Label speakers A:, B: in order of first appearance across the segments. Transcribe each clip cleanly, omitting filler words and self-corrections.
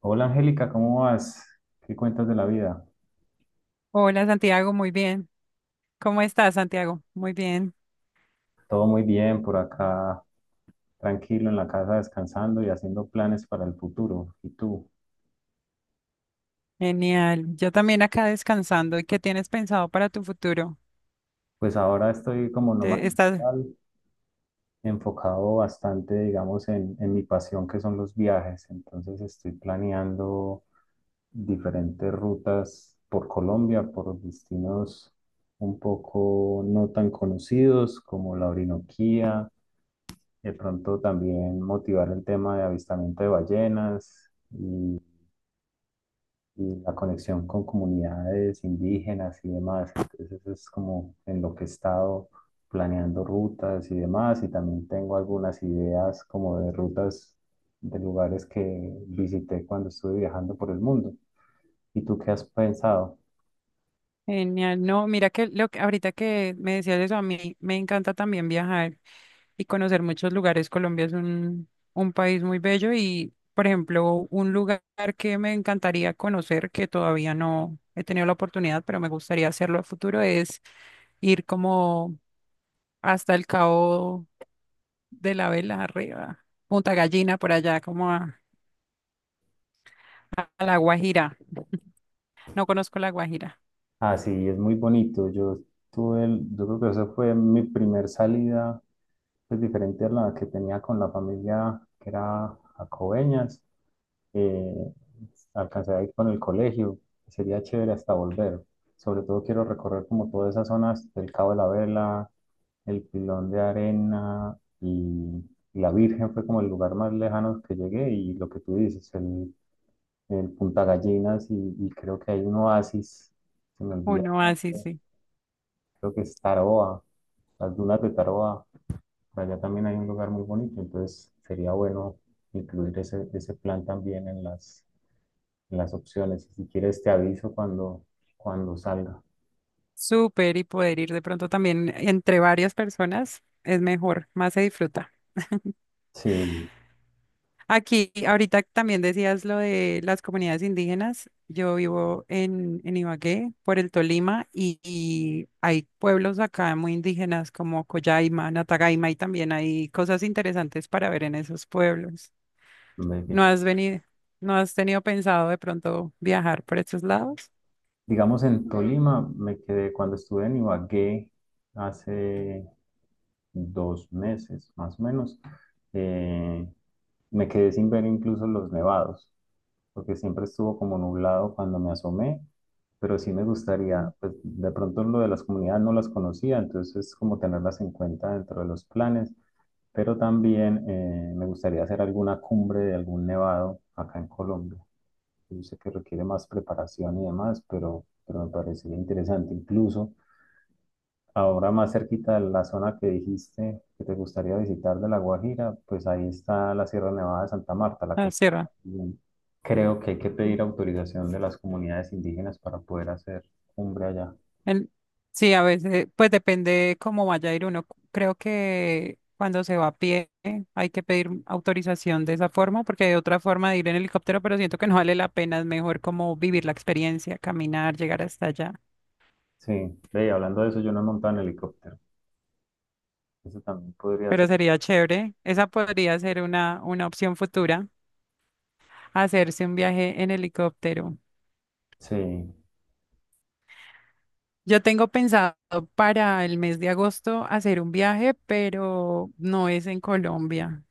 A: Hola Angélica, ¿cómo vas? ¿Qué cuentas de la vida?
B: Hola Santiago, muy bien. ¿Cómo estás, Santiago? Muy bien.
A: Todo muy bien por acá, tranquilo en la casa, descansando y haciendo planes para el futuro. ¿Y tú?
B: Genial. Yo también acá descansando. ¿Y qué tienes pensado para tu futuro?
A: Pues ahora estoy como nómada
B: ¿Te- estás
A: digital, enfocado bastante, digamos, en mi pasión que son los viajes. Entonces estoy planeando diferentes rutas por Colombia, por destinos un poco no tan conocidos como la Orinoquía. De pronto también motivar el tema de avistamiento de ballenas y, y la conexión con comunidades indígenas y demás. Entonces eso es como en lo que he estado planeando rutas y demás. Y también tengo algunas ideas como de rutas de lugares que visité cuando estuve viajando por el mundo. ¿Y tú qué has pensado?
B: genial. No, mira que lo que ahorita que me decías eso, a mí me encanta también viajar y conocer muchos lugares. Colombia es un país muy bello y, por ejemplo, un lugar que me encantaría conocer, que todavía no he tenido la oportunidad, pero me gustaría hacerlo a futuro, es ir como hasta el Cabo de la Vela arriba. Punta Gallina por allá, como a La Guajira. No conozco La Guajira.
A: Ah, sí, es muy bonito. Yo yo creo que esa fue mi primer salida pues diferente a la que tenía con la familia que era a Coveñas. eh, Alcancé a ir con el colegio, sería chévere hasta volver. Sobre todo quiero recorrer como todas esas zonas del Cabo de la Vela, el Pilón de Arena y la Virgen fue como el lugar más lejano que llegué, y lo que tú dices, el Punta Gallinas y creo que hay un oasis, se me olvida el
B: Uno así, sí.
A: nombre,
B: Sí.
A: creo que es Taroa, las dunas de Taroa. Por allá también hay un lugar muy bonito, entonces sería bueno incluir ese plan también en en las opciones. Si quieres, te aviso cuando salga.
B: Súper, y poder ir de pronto también entre varias personas es mejor, más se disfruta.
A: Sí,
B: Aquí, ahorita también decías lo de las comunidades indígenas. Yo vivo en Ibagué, por el Tolima, y hay pueblos acá muy indígenas como Collaima, Natagaima, y también hay cosas interesantes para ver en esos pueblos.
A: me he
B: ¿No
A: dicho.
B: has venido, no has tenido pensado de pronto viajar por estos lados?
A: Digamos, en Tolima me quedé cuando estuve en Ibagué hace 2 meses, más o menos. eh, Me quedé sin ver incluso los nevados, porque siempre estuvo como nublado cuando me asomé, pero sí me
B: Mm.
A: gustaría, pues de pronto lo de las comunidades no las conocía, entonces como tenerlas en cuenta dentro de los planes, pero también me gustaría hacer alguna cumbre de algún nevado acá en Colombia. Yo sé que requiere más preparación y demás, pero me parecería interesante incluso. Ahora más cerquita de la zona que dijiste que te gustaría visitar de La Guajira, pues ahí está la Sierra Nevada de Santa Marta, la
B: Ah,
A: cosa
B: sí, va.
A: creo que hay que pedir autorización de las comunidades indígenas para poder hacer cumbre allá.
B: En- sí, a veces, pues depende cómo vaya a ir uno. Creo que cuando se va a pie hay que pedir autorización de esa forma, porque hay otra forma de ir en helicóptero, pero siento que no vale la pena, es mejor como vivir la experiencia, caminar, llegar hasta allá.
A: Sí, ve, y hablando de eso, yo no he montado en helicóptero. Eso también podría
B: Pero
A: ser.
B: sería chévere. Esa podría ser una opción futura, hacerse un viaje en helicóptero.
A: Sí,
B: Yo tengo pensado para el mes de agosto hacer un viaje, pero no es en Colombia.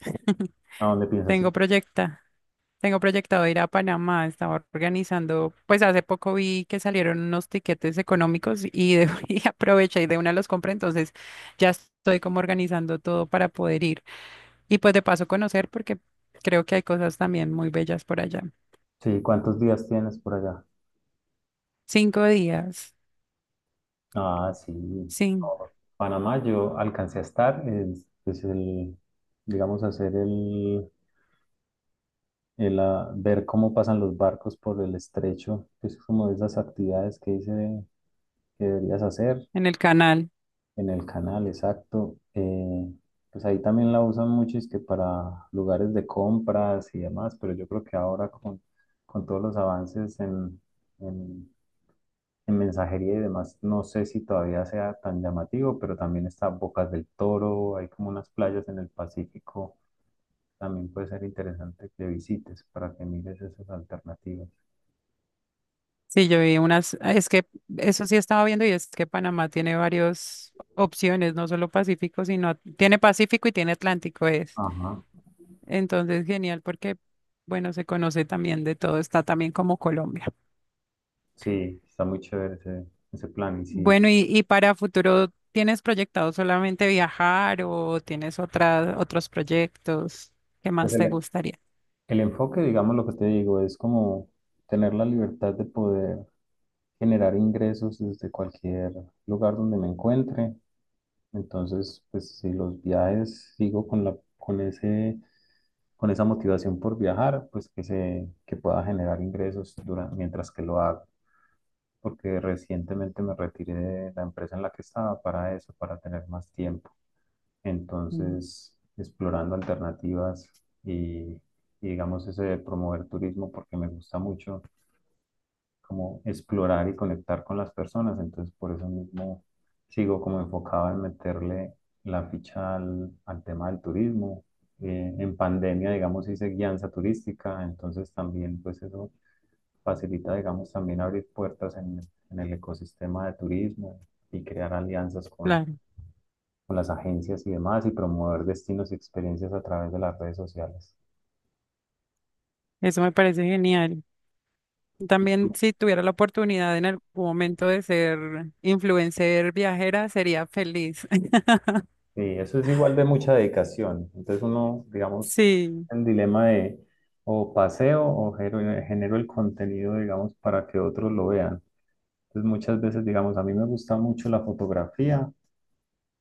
A: ¿a dónde piensas
B: Tengo
A: ir?
B: proyecta, tengo proyectado ir a Panamá. Estaba organizando, pues hace poco vi que salieron unos tiquetes económicos y aproveché y de una los compré, entonces ya estoy como organizando todo para poder ir. Y pues de paso conocer, porque creo que hay cosas también muy bellas por allá.
A: Sí, ¿cuántos días tienes por allá?
B: Cinco días,
A: Ah, sí.
B: sí,
A: No, Panamá yo alcancé a estar, es, pues digamos, hacer ver cómo pasan los barcos por el estrecho, que es como de esas actividades que dice que deberías hacer
B: en el canal.
A: en el canal, exacto. Pues ahí también la usan mucho, es que para lugares de compras y demás, pero yo creo que ahora con todos los avances en, en mensajería y demás, no sé si todavía sea tan llamativo, pero también está Bocas del Toro, hay como unas playas en el Pacífico, también puede ser interesante que visites para que mires esas alternativas.
B: Sí, yo vi unas, ah, es que eso sí estaba viendo, y es que Panamá tiene varias opciones, no solo Pacífico, sino tiene Pacífico y tiene Atlántico, es.
A: Ajá.
B: Entonces, genial porque, bueno, se conoce también de todo, está también como Colombia.
A: Sí, está muy chévere ese plan. Y sí,
B: Bueno, y para futuro, ¿tienes proyectado solamente viajar o tienes otros proyectos que
A: pues
B: más te gustaría?
A: el enfoque, digamos lo que te digo, es como tener la libertad de poder generar ingresos desde cualquier lugar donde me encuentre. Entonces, pues si los viajes sigo con con ese, con esa motivación por viajar, pues que se, que pueda generar ingresos durante, mientras que lo hago. Porque recientemente me retiré de la empresa en la que estaba para eso, para tener más tiempo.
B: Mm.
A: Entonces, explorando alternativas y, y digamos ese de promover turismo porque me gusta mucho como explorar y conectar con las personas. Entonces, por eso mismo sigo como enfocado en meterle la ficha al tema del turismo. En pandemia, digamos, hice guianza turística, entonces también pues eso facilita, digamos, también abrir puertas en el ecosistema de turismo y crear alianzas con
B: Claro,
A: con las agencias y demás y promover destinos y experiencias a través de las redes sociales.
B: eso me parece genial. También si tuviera la oportunidad en algún momento de ser influencer viajera, sería feliz.
A: Sí, eso es igual de mucha dedicación. Entonces uno, digamos,
B: Sí,
A: en dilema de o paseo o genero el contenido, digamos, para que otros lo vean. Entonces muchas veces, digamos, a mí me gusta mucho la fotografía,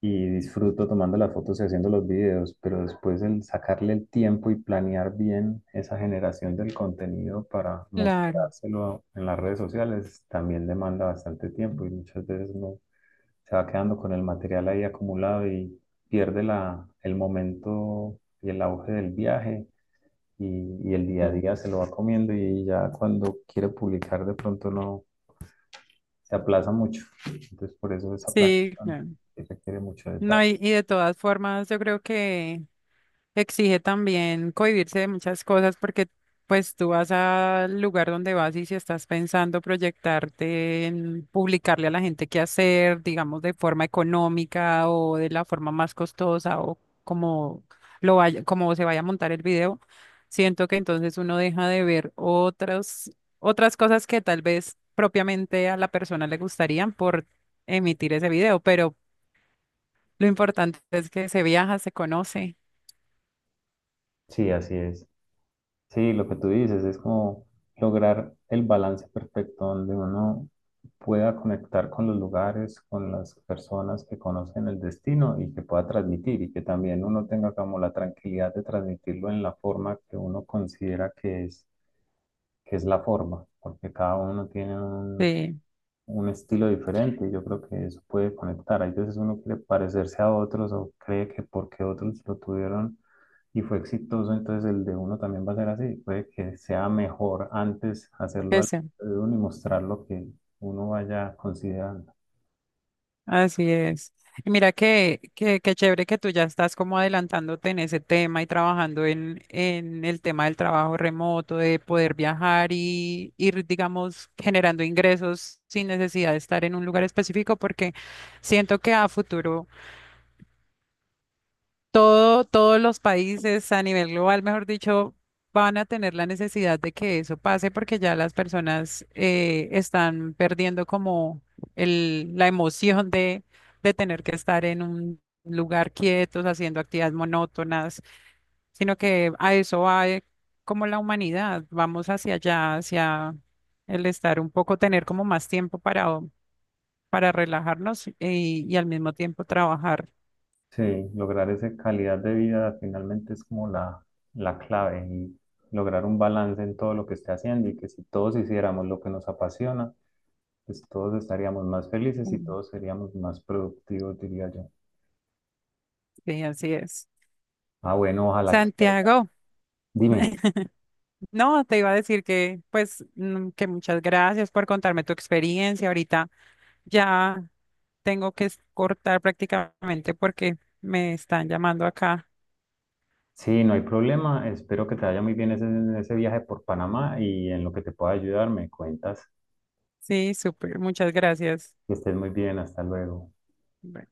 A: y disfruto tomando las fotos y haciendo los videos, pero después el sacarle el tiempo y planear bien esa generación del contenido para
B: claro.
A: mostrárselo en las redes sociales también demanda bastante tiempo y muchas veces uno se va quedando con el material ahí acumulado y pierde el momento y el auge del viaje y, y el día a
B: Sí.
A: día se lo va comiendo y ya cuando quiere publicar de pronto no se aplaza mucho. Entonces por eso esa
B: Sí,
A: planeación
B: claro.
A: que requiere mucho
B: No,
A: detalle.
B: y de todas formas, yo creo que exige también cohibirse de muchas cosas, porque pues tú vas al lugar donde vas y si estás pensando proyectarte en publicarle a la gente qué hacer, digamos de forma económica o de la forma más costosa, o como como se vaya a montar el video, siento que entonces uno deja de ver otras cosas que tal vez propiamente a la persona le gustarían por emitir ese video, pero lo importante es que se viaja, se conoce,
A: Sí, así es. Sí, lo que tú dices es como lograr el balance perfecto donde uno pueda conectar con los lugares, con las personas que conocen el destino y que pueda transmitir, y que también uno tenga como la tranquilidad de transmitirlo en la forma que uno considera que es la forma, porque cada uno tiene
B: sí,
A: un estilo diferente. Yo creo que eso puede conectar. Hay veces uno quiere parecerse a otros o cree que porque otros lo tuvieron y fue exitoso, entonces el de uno también va a ser así. Puede que sea mejor antes hacerlo al
B: eso.
A: de uno y mostrar lo que uno vaya considerando.
B: Así es. Y mira que, qué chévere que tú ya estás como adelantándote en ese tema y trabajando en el tema del trabajo remoto, de poder viajar y ir, digamos, generando ingresos sin necesidad de estar en un lugar específico, porque siento que a futuro todos los países a nivel global, mejor dicho, van a tener la necesidad de que eso pase, porque ya las personas están perdiendo como la emoción de tener que estar en un lugar quietos, haciendo actividades monótonas, sino que a eso va como la humanidad, vamos hacia allá, hacia el estar un poco, tener como más tiempo para relajarnos y al mismo tiempo trabajar.
A: Sí, lograr esa calidad de vida finalmente es como la clave y lograr un balance en todo lo que esté haciendo y que si todos hiciéramos lo que nos apasiona, pues todos estaríamos más felices y
B: Mm.
A: todos seríamos más productivos, diría yo.
B: Sí, así es.
A: Ah, bueno, ojalá que salga.
B: Santiago.
A: Dime.
B: No, te iba a decir que, pues, que muchas gracias por contarme tu experiencia. Ahorita ya tengo que cortar prácticamente, porque me están llamando acá.
A: Sí, no hay problema. Espero que te vaya muy bien ese viaje por Panamá y en lo que te pueda ayudar me cuentas.
B: Sí, súper, muchas gracias.
A: Que estés muy bien. Hasta luego.
B: Bueno.